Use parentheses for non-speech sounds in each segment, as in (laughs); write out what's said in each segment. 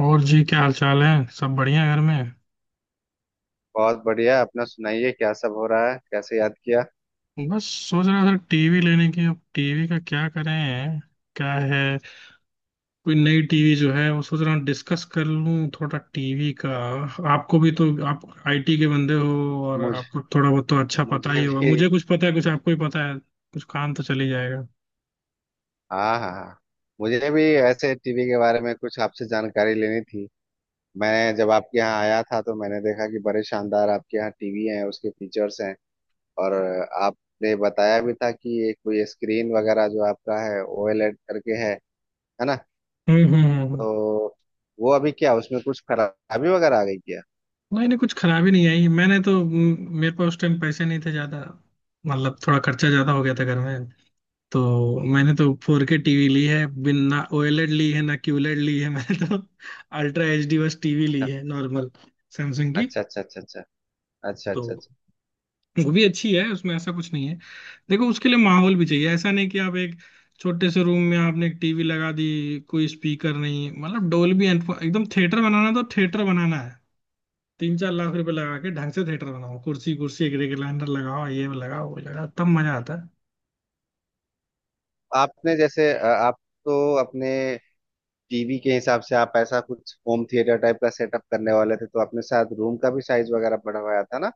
और जी, क्या हाल चाल है। सब बढ़िया है घर में। बहुत बढ़िया। अपना सुनाइए, क्या सब हो रहा है? कैसे याद किया? बस सोच रहा था टीवी लेने की। अब टीवी का क्या करें? क्या है? कोई नई टीवी जो है वो सोच रहा हूँ डिस्कस कर लूँ थोड़ा टीवी का। आपको भी तो, आप आईटी के बंदे हो और मुझ आपको थोड़ा बहुत तो अच्छा पता मुझे ही होगा, भी मुझे कुछ पता है कुछ आपको ही पता है, कुछ काम तो चल ही जाएगा। हाँ हाँ हाँ। मुझे भी ऐसे टीवी के बारे में कुछ आपसे जानकारी लेनी थी। मैं जब आपके यहाँ आया था तो मैंने देखा कि बड़े शानदार आपके यहाँ टीवी है, उसके फीचर्स हैं। और आपने बताया भी था कि ये कोई स्क्रीन वगैरह जो आपका है ओएलईडी करके है ना? हम्म हम्म हम्म। तो वो अभी क्या, उसमें कुछ खराबी वगैरह आ गई क्या? नहीं नहीं, कुछ खराबी नहीं आई। मैंने तो मेरे पास उस टाइम पैसे नहीं थे ज्यादा। मतलब थोड़ा खर्चा ज्यादा हो गया था घर में। तो मैंने तो 4K टीवी ली है, बिन ना ओएलईडी ली है ना क्यूलेड ली है। (laughs) मैंने तो अल्ट्रा एच डी बस टीवी ली है, नॉर्मल सैमसंग की। अच्छा अच्छा अच्छा अच्छा। अच्छा अच्छा तो अच्छा अच्छा। वो भी अच्छी है, उसमें ऐसा कुछ नहीं है। देखो उसके लिए माहौल भी चाहिए, ऐसा नहीं कि आप एक छोटे से रूम में आपने एक टीवी लगा दी, कोई स्पीकर नहीं, मतलब डोल्बी एटमॉस एकदम। थिएटर बनाना तो थिएटर बनाना है। तीन चार लाख रुपए लगा के ढंग से थिएटर बनाओ, कुर्सी कुर्सी, एक रेगुलेटर लगाओ, ये लगाओ वो लगाओ, तब मजा आता है। आपने जैसे आप तो अपने टीवी के हिसाब से आप ऐसा कुछ होम थिएटर टाइप का सेटअप करने वाले थे, तो अपने साथ रूम का भी साइज वगैरह बढ़वाया था ना?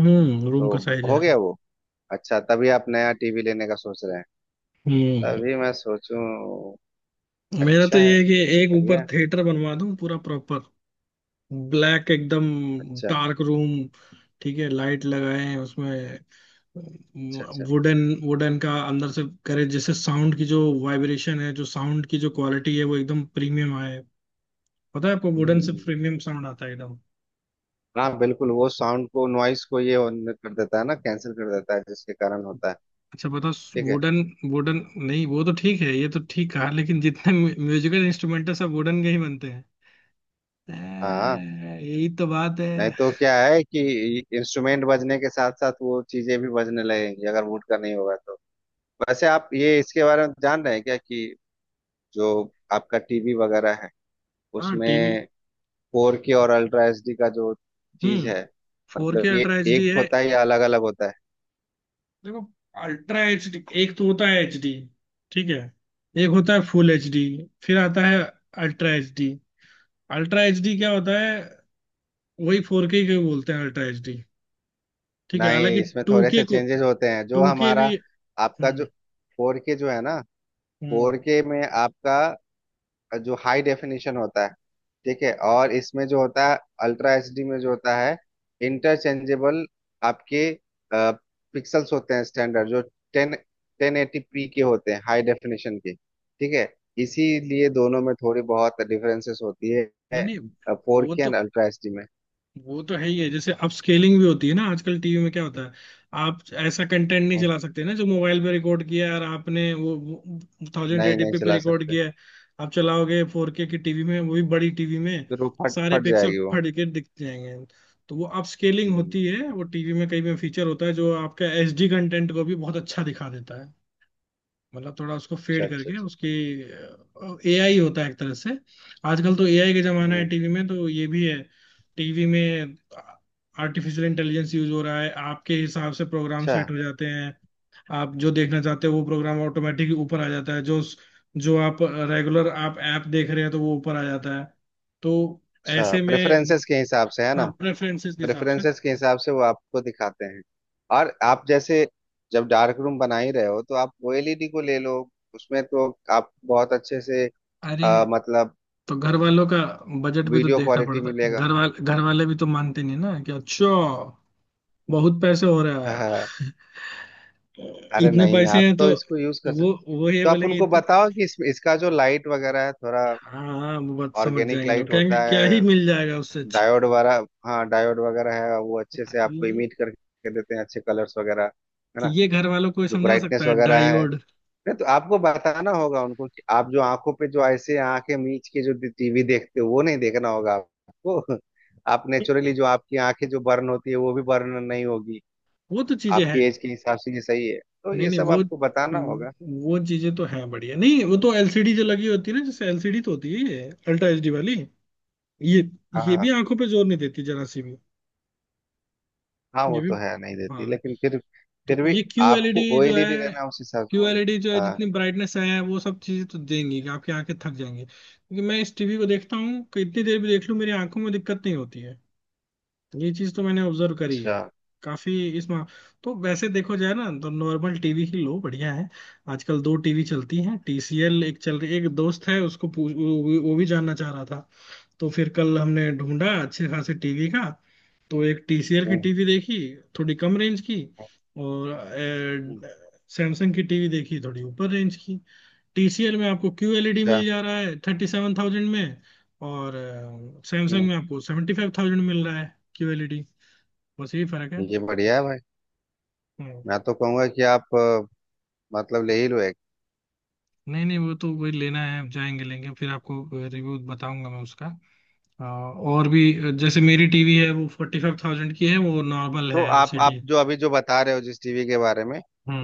हम्म, रूम का तो साइज हो है। गया वो? अच्छा, तभी आप नया टीवी लेने का सोच रहे हैं। हम्म। तभी मैं सोचूं। मेरा तो अच्छा ये है। है कि एक ऊपर बढ़िया। थिएटर बनवा दूं पूरा प्रॉपर, ब्लैक एकदम अच्छा डार्क रूम। ठीक है, लाइट लगाए हैं उसमें। अच्छा। अच्छा। वुडन, वुडन का अंदर से करे, जैसे साउंड की जो वाइब्रेशन है, जो साउंड की जो क्वालिटी है वो एकदम प्रीमियम आए। पता है आपको, हम्म वुडन हम्म, से हम्म। प्रीमियम साउंड आता है एकदम। हाँ बिल्कुल, वो साउंड को नॉइस को ये on कर देता है ना, कैंसिल कर देता है, जिसके कारण होता है। अच्छा बताओ। ठीक है। वुडन, वुडन, नहीं वो तो ठीक है, ये तो ठीक कहा, लेकिन जितने म्यूजिकल इंस्ट्रूमेंट है सब वुडन के ही बनते हैं। हाँ, यही तो बात है। नहीं तो क्या है कि इंस्ट्रूमेंट बजने के साथ साथ वो चीजें भी बजने लगेंगी अगर वुड का नहीं होगा तो। वैसे आप ये इसके बारे में जान रहे हैं क्या कि जो आपका टीवी वगैरह है, हाँ टीवी। उसमें फोर के और अल्ट्रा एचडी का जो चीज हम्म। है, फोर के मतलब ये अल्ट्रा एच डी एक है। होता है या अलग अलग होता है? देखो, अल्ट्रा एच डी, एक तो होता है एच डी, ठीक है, एक होता है फुल एच डी, फिर आता है ultra H D. Ultra H D क्या होता है? वही फोर के बोलते हैं अल्ट्रा एच डी। ठीक है, हालांकि नहीं, इसमें टू थोड़े के से को, चेंजेस होते हैं। जो टू के हमारा भी। आपका जो हम्म फोर के जो है ना, हम्म। फोर के में आपका जो हाई डेफिनेशन होता है, ठीक है, और इसमें जो होता है अल्ट्रा एचडी में जो होता है इंटरचेंजेबल आपके पिक्सल्स होते हैं। स्टैंडर्ड जो टेन टेन एटी पी के होते हैं हाई डेफिनेशन के, ठीक है। इसीलिए दोनों में थोड़ी बहुत डिफरेंसेस होती है नहीं नहीं, फोर वो के एंड तो अल्ट्रा एचडी में। वो तो है ही है। जैसे अपस्केलिंग भी होती है ना आजकल टीवी में, क्या होता है, आप ऐसा कंटेंट नहीं हम्म, चला सकते ना जो मोबाइल पे रिकॉर्ड किया है और आपने वो थाउजेंड नहीं नहीं एटीपी पे चला रिकॉर्ड सकते। किया है, आप चलाओगे फोर के की टीवी में, वो भी बड़ी टीवी में, फिर वो फट सारे फट पिक्सल जाएगी वो। फट के दिख जाएंगे। तो वो अपस्केलिंग हम्म। होती है, वो टीवी में कई में फीचर होता है जो आपका एचडी कंटेंट को भी बहुत अच्छा दिखा देता है, मतलब थोड़ा उसको अच्छा फेड अच्छा करके अच्छा। उसकी। एआई होता है एक तरह से, आजकल तो एआई का जमाना है हम्म। टीवी में, तो ये भी है टीवी में, आर्टिफिशियल इंटेलिजेंस यूज हो रहा है, आपके हिसाब से प्रोग्राम अच्छा सेट हो जाते हैं, आप जो देखना चाहते हो वो प्रोग्राम ऑटोमेटिक ऊपर आ जाता है, जो जो आप रेगुलर आप ऐप देख रहे हैं तो वो ऊपर आ जाता है। तो अच्छा। ऐसे में, प्रेफरेंसेस के हिसाब से है ना? हाँ, प्रेफरेंसेस के हिसाब से। प्रेफरेंसेस के हिसाब से वो आपको दिखाते हैं। और आप जैसे जब डार्क रूम बना ही रहे हो तो आप ओएलईडी को ले लो, उसमें तो आप बहुत अच्छे से अरे, मतलब तो घर वालों का बजट भी तो वीडियो देखना क्वालिटी पड़ता है, मिलेगा। घर वाले भी तो मानते नहीं ना, कि अच्छा बहुत पैसे हो रहा (laughs) है। (laughs) अरे इतने नहीं, आप पैसे हैं तो तो इसको यूज कर सकते। वो वो ये तो आप बोलेंगे उनको इतने। बताओ कि इसका जो लाइट वगैरह है थोड़ा हाँ, वो बात समझ ऑर्गेनिक जाएंगे, लोग लाइट कहेंगे होता क्या ही है, मिल जाएगा उससे अच्छा। डायोड वगैरह। हाँ, डायोड वगैरह है, वो अच्छे से आपको ये, इमिट करके देते हैं अच्छे कलर्स वगैरह, है ना? ये घर वालों को जो समझा सकता ब्राइटनेस है वगैरह है, डायोड। नहीं तो आपको बताना होगा उनको कि आप जो आंखों पे जो ऐसे आंखें मीच के जो टीवी देखते हो वो नहीं देखना होगा आपको। (laughs) आप नेचुरली जो आपकी आंखें जो बर्न होती है वो भी बर्न नहीं होगी। वो तो चीजें हैं। आपकी एज के हिसाब से ये सही है, तो नहीं ये नहीं, सब वो आपको बताना होगा। वो चीजें तो हैं बढ़िया। नहीं वो तो एलसीडी जो लगी होती है ना, जैसे एलसीडी तो होती है ये अल्ट्रा एचडी वाली। ये हाँ ये भी हाँ। आंखों पे जोर नहीं देती जरा सी भी। हाँ, ये वो भी, तो है नहीं देती, हाँ। लेकिन फिर तो फिर भी ये क्यू एलईडी आपको जो ऑयली नहीं है, रहना उस हिसाब से क्यूएलईडी जो होगा। है, हाँ, जितनी ब्राइटनेस है, वो सब चीजें तो देंगी कि आपकी आंखें थक जाएंगी। क्योंकि मैं इस टीवी को देखता हूँ कि इतनी देर भी देख लूँ मेरी आंखों में दिक्कत नहीं होती है। ये चीज तो मैंने ऑब्जर्व करी है अच्छा। काफी। इस मा... तो वैसे देखो जाए ना तो नॉर्मल टीवी ही लो बढ़िया है। आजकल दो टीवी चलती हैं, टीसीएल एक चल रही, एक दोस्त है उसको पूछ, वो भी जानना चाह रहा था। तो फिर कल हमने ढूंढा अच्छे खासे टीवी का। तो एक TCL की हम्म टीवी देखी, थोड़ी कम रेंज की, और हम्म, सैमसंग की टीवी देखी थोड़ी ऊपर रेंज की। TCL में आपको QLED अच्छा। मिल जा रहा है 37,000 में, और सैमसंग हम्म, में आपको 75,000 मिल रहा है QLED। बस यही फर्क है। ये बढ़िया है भाई। हम्म। मैं तो कहूंगा कि आप मतलब ले ही लो। नहीं नहीं, वो तो वही लेना है। आप जाएंगे लेंगे फिर आपको रिव्यू बताऊंगा मैं उसका। और भी, जैसे मेरी टीवी है वो 45,000 की है, वो नॉर्मल तो है आप एलसीडी। जो अभी जो बता रहे हो जिस टीवी के बारे में,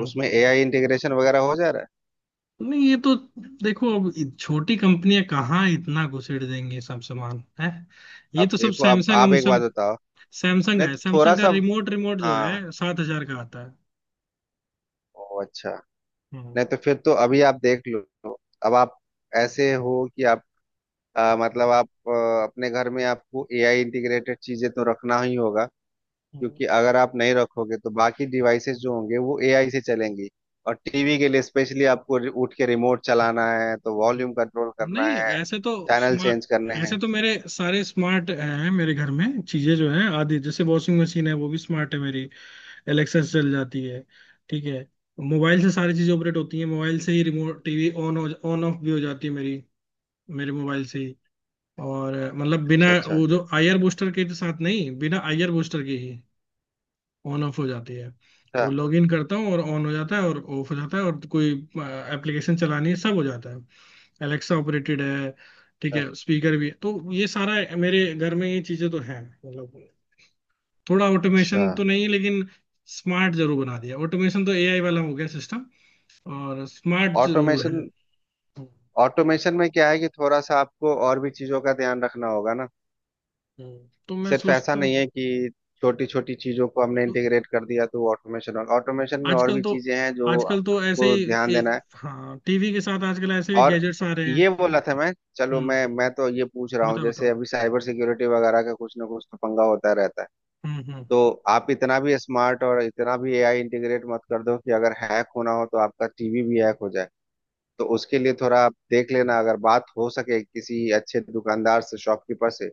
उसमें एआई इंटीग्रेशन वगैरह हो जा रहा है। नहीं ये तो देखो, अब छोटी कंपनियां कहाँ इतना घुसेड़ देंगे, सब सामान है ये अब तो सब। देखो, अब सैमसंग आप एक बात हमसम, बताओ। सैमसंग नहीं है, तो थोड़ा सैमसंग का सा। रिमोट, रिमोट जो हाँ। है 7 हजार का आता है। ओ अच्छा। हम्म नहीं तो फिर तो अभी आप देख लो। अब आप ऐसे हो कि आप मतलब आप अपने घर में आपको एआई इंटीग्रेटेड चीजें तो रखना ही होगा, हम्म, क्योंकि अगर आप नहीं रखोगे तो बाकी डिवाइसेस जो होंगे वो एआई से चलेंगी। और टीवी के लिए स्पेशली आपको उठ के रिमोट चलाना है, तो वॉल्यूम कंट्रोल करना नहीं है, ऐसे तो चैनल स्मार्ट, चेंज करने ऐसे हैं। तो मेरे सारे स्मार्ट हैं मेरे घर में, चीजें जो है आदि, जैसे वॉशिंग मशीन है वो भी स्मार्ट है मेरी, एलेक्सा से चल जाती है। ठीक है, मोबाइल से सारी चीजें ऑपरेट होती हैं, मोबाइल से ही remote, TV on, on off भी हो जाती है मेरी, मेरे मोबाइल से ही। और मतलब अच्छा बिना अच्छा। वो जो आईआर बूस्टर के तो साथ नहीं, बिना आईआर बूस्टर के ही ऑन ऑफ हो जाती है। वो लॉग इन करता हूँ और ऑन हो जाता है और ऑफ हो जाता है, और कोई एप्लीकेशन चलानी है, सब हो जाता है। एलेक्सा ऑपरेटेड है, ठीक अच्छा है, स्पीकर भी है, तो ये सारा मेरे घर में ये चीजें तो हैं। मतलब थोड़ा अच्छा। ऑटोमेशन तो नहीं, लेकिन स्मार्ट जरूर बना दिया। ऑटोमेशन तो एआई वाला हो गया सिस्टम, और स्मार्ट जरूर है। ऑटोमेशन। हम्म, ऑटोमेशन में क्या है कि थोड़ा सा आपको और भी चीजों का ध्यान रखना होगा ना। तो मैं सिर्फ ऐसा सोचता नहीं हूँ, है कि छोटी छोटी चीजों को हमने इंटीग्रेट कर दिया तो ऑटोमेशन होगा। ऑटोमेशन में और आजकल भी तो, चीजें हैं जो आजकल तो ऐसे आपको ध्यान ही देना है। हाँ टीवी के साथ आजकल ऐसे भी और गैजेट्स आ रहे ये हैं। बोला था मैं। चलो, हम्म, मैं तो ये पूछ रहा हूँ बताओ जैसे बताओ। अभी साइबर सिक्योरिटी वगैरह का कुछ ना कुछ तो पंगा होता रहता है, हम्म। तो आप इतना भी स्मार्ट और इतना भी एआई इंटीग्रेट मत कर दो कि अगर हैक होना हो तो आपका टीवी भी हैक हो जाए। तो उसके लिए थोड़ा आप देख लेना, अगर बात हो सके किसी अच्छे दुकानदार से, शॉपकीपर से,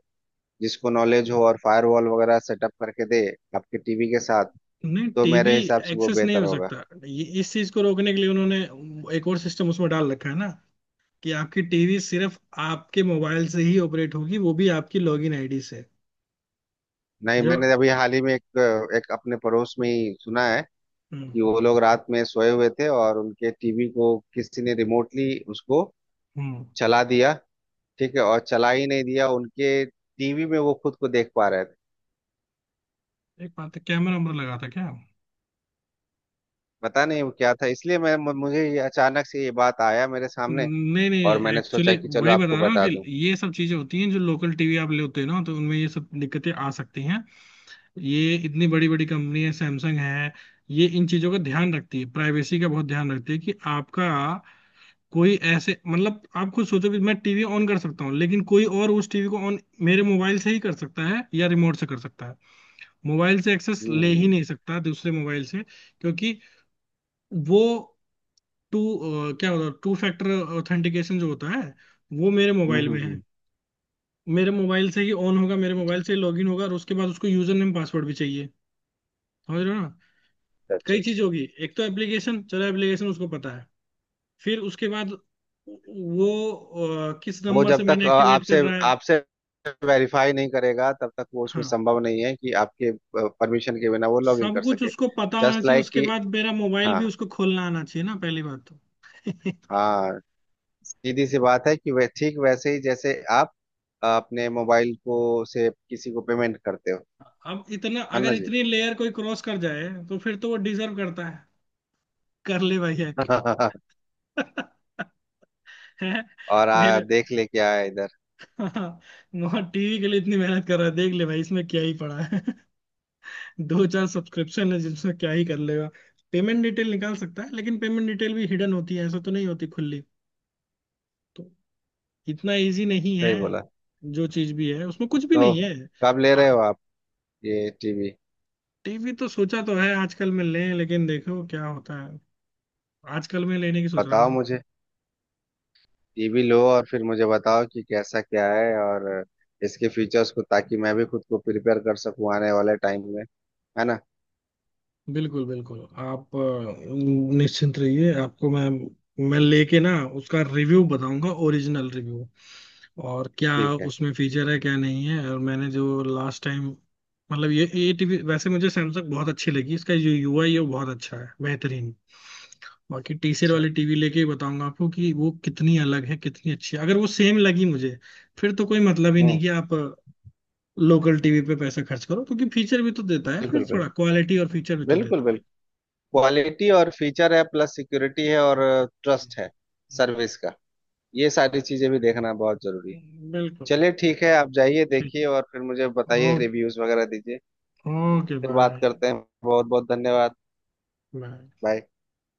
जिसको नॉलेज हो और फायरवॉल वगैरह सेटअप करके दे आपके टीवी के साथ, नहीं तो टीवी मेरे हिसाब से वो एक्सेस नहीं बेहतर हो होगा। सकता, ये इस चीज को रोकने के लिए उन्होंने एक और सिस्टम उसमें डाल रखा है ना, कि आपकी टीवी सिर्फ आपके मोबाइल से ही ऑपरेट होगी, वो भी आपकी लॉगिन आईडी से नहीं, जब। मैंने अभी हाल ही में एक एक अपने पड़ोस में ही सुना है हम्म कि वो लोग रात में सोए हुए थे और उनके टीवी को किसी ने रिमोटली उसको हम्म। चला दिया। ठीक है, और चला ही नहीं दिया, उनके टीवी में वो खुद को देख पा रहे थे। एक बात है, कैमरा वैमरा लगा था क्या? पता नहीं वो क्या था, इसलिए मैं मुझे ये अचानक से ये बात आया मेरे सामने। नहीं और नहीं मैंने सोचा एक्चुअली कि चलो वही आपको बता रहा हूँ, बता कि दूं। ये सब चीजें होती हैं जो लोकल टीवी आप लेते हैं ना, तो उनमें ये सब दिक्कतें आ सकती हैं। ये इतनी बड़ी बड़ी कंपनी है सैमसंग है, ये इन चीजों का ध्यान रखती है, प्राइवेसी का बहुत ध्यान रखती है, कि आपका कोई ऐसे, मतलब आप खुद सोचो कि मैं टीवी ऑन कर सकता हूँ, लेकिन कोई और उस टीवी को ऑन, मेरे मोबाइल से ही कर सकता है, या रिमोट से कर सकता है। मोबाइल से एक्सेस ले ही हम्म नहीं सकता दूसरे मोबाइल से, क्योंकि वो टू, क्या होता है, टू फैक्टर ऑथेंटिकेशन जो होता है, वो मेरे मोबाइल हम्म। में है, मेरे मोबाइल से ही ऑन होगा, मेरे मोबाइल से ही लॉगिन होगा, और उसके बाद उसको यूजर नेम पासवर्ड भी चाहिए। समझ रहे हो ना। अच्छा कई अच्छा। चीज होगी, एक तो एप्लीकेशन, चलो एप्लीकेशन उसको पता है, फिर उसके बाद वो किस वो नंबर से जब तक मैंने एक्टिवेट आपसे करना है। आपसे वेरीफाई नहीं करेगा तब तक वो उसमें हाँ, संभव नहीं है कि आपके परमिशन के बिना वो लॉग इन सब कर कुछ सके। उसको पता होना जस्ट चाहिए, like उसके कि, बाद मेरा मोबाइल भी हाँ उसको खोलना आना चाहिए ना पहली बात तो। (laughs) हाँ, सीधी सी बात है कि वे ठीक वैसे ही जैसे आप अपने मोबाइल को से किसी को पेमेंट करते हो, अब इतना, है अगर ना जी? इतनी लेयर कोई क्रॉस कर जाए तो फिर तो वो डिजर्व करता है, कर ले भाई हैक। (laughs) (laughs) है और मेरे, देख ले क्या है इधर। हाँ टीवी के लिए इतनी मेहनत कर रहा है, देख ले भाई इसमें क्या ही पड़ा है। दो चार सब्सक्रिप्शन है, जिसमें क्या ही कर लेगा, पेमेंट डिटेल निकाल सकता है, लेकिन पेमेंट डिटेल भी हिडन होती है, ऐसा तो नहीं होती खुली। तो इतना इजी नहीं है, सही बोला। जो चीज भी है उसमें कुछ भी तो नहीं है। कब ले रहे हो आप ये टीवी? टीवी तो सोचा तो है आजकल में लें, लेकिन देखो क्या होता है, आजकल में लेने की सोच रहा बताओ था। मुझे। ये भी लो और फिर मुझे बताओ कि कैसा क्या है और इसके फीचर्स, को ताकि मैं भी खुद को प्रिपेयर कर सकूं आने वाले टाइम में, है ना? बिल्कुल बिल्कुल, आप निश्चिंत रहिए, आपको मैं लेके ना उसका रिव्यू बताऊंगा, ओरिजिनल रिव्यू और क्या, ठीक है। उसमें फीचर है क्या नहीं है, और मैंने जो लास्ट टाइम, मतलब ये टीवी वैसे मुझे सैमसंग बहुत अच्छी लगी, इसका जो यूआई है वो बहुत अच्छा है बेहतरीन। बाकी टीसीएल अच्छा। वाली टीवी लेके ही बताऊंगा आपको कि वो कितनी अलग है कितनी अच्छी है, अगर वो सेम लगी मुझे फिर तो कोई मतलब ही नहीं हम्म। कि आप लोकल टीवी पे पैसा खर्च करो, क्योंकि फीचर भी तो देता है, फिर बिल्कुल थोड़ा बिल्कुल। क्वालिटी और फीचर भी तो बिल्कुल देता। बिल्कुल। क्वालिटी और फीचर है, प्लस सिक्योरिटी है और हम्म, ट्रस्ट है हम्म, सर्विस का। ये सारी चीजें भी देखना बहुत जरूरी है। है बिल्कुल। चलिए ठीक है, आप जाइए ठीक। देखिए और फिर मुझे ओ, बताइए, रिव्यूज वगैरह दीजिए। ओके फिर बात बाय। करते हैं। बहुत बहुत धन्यवाद। बाय। बाय।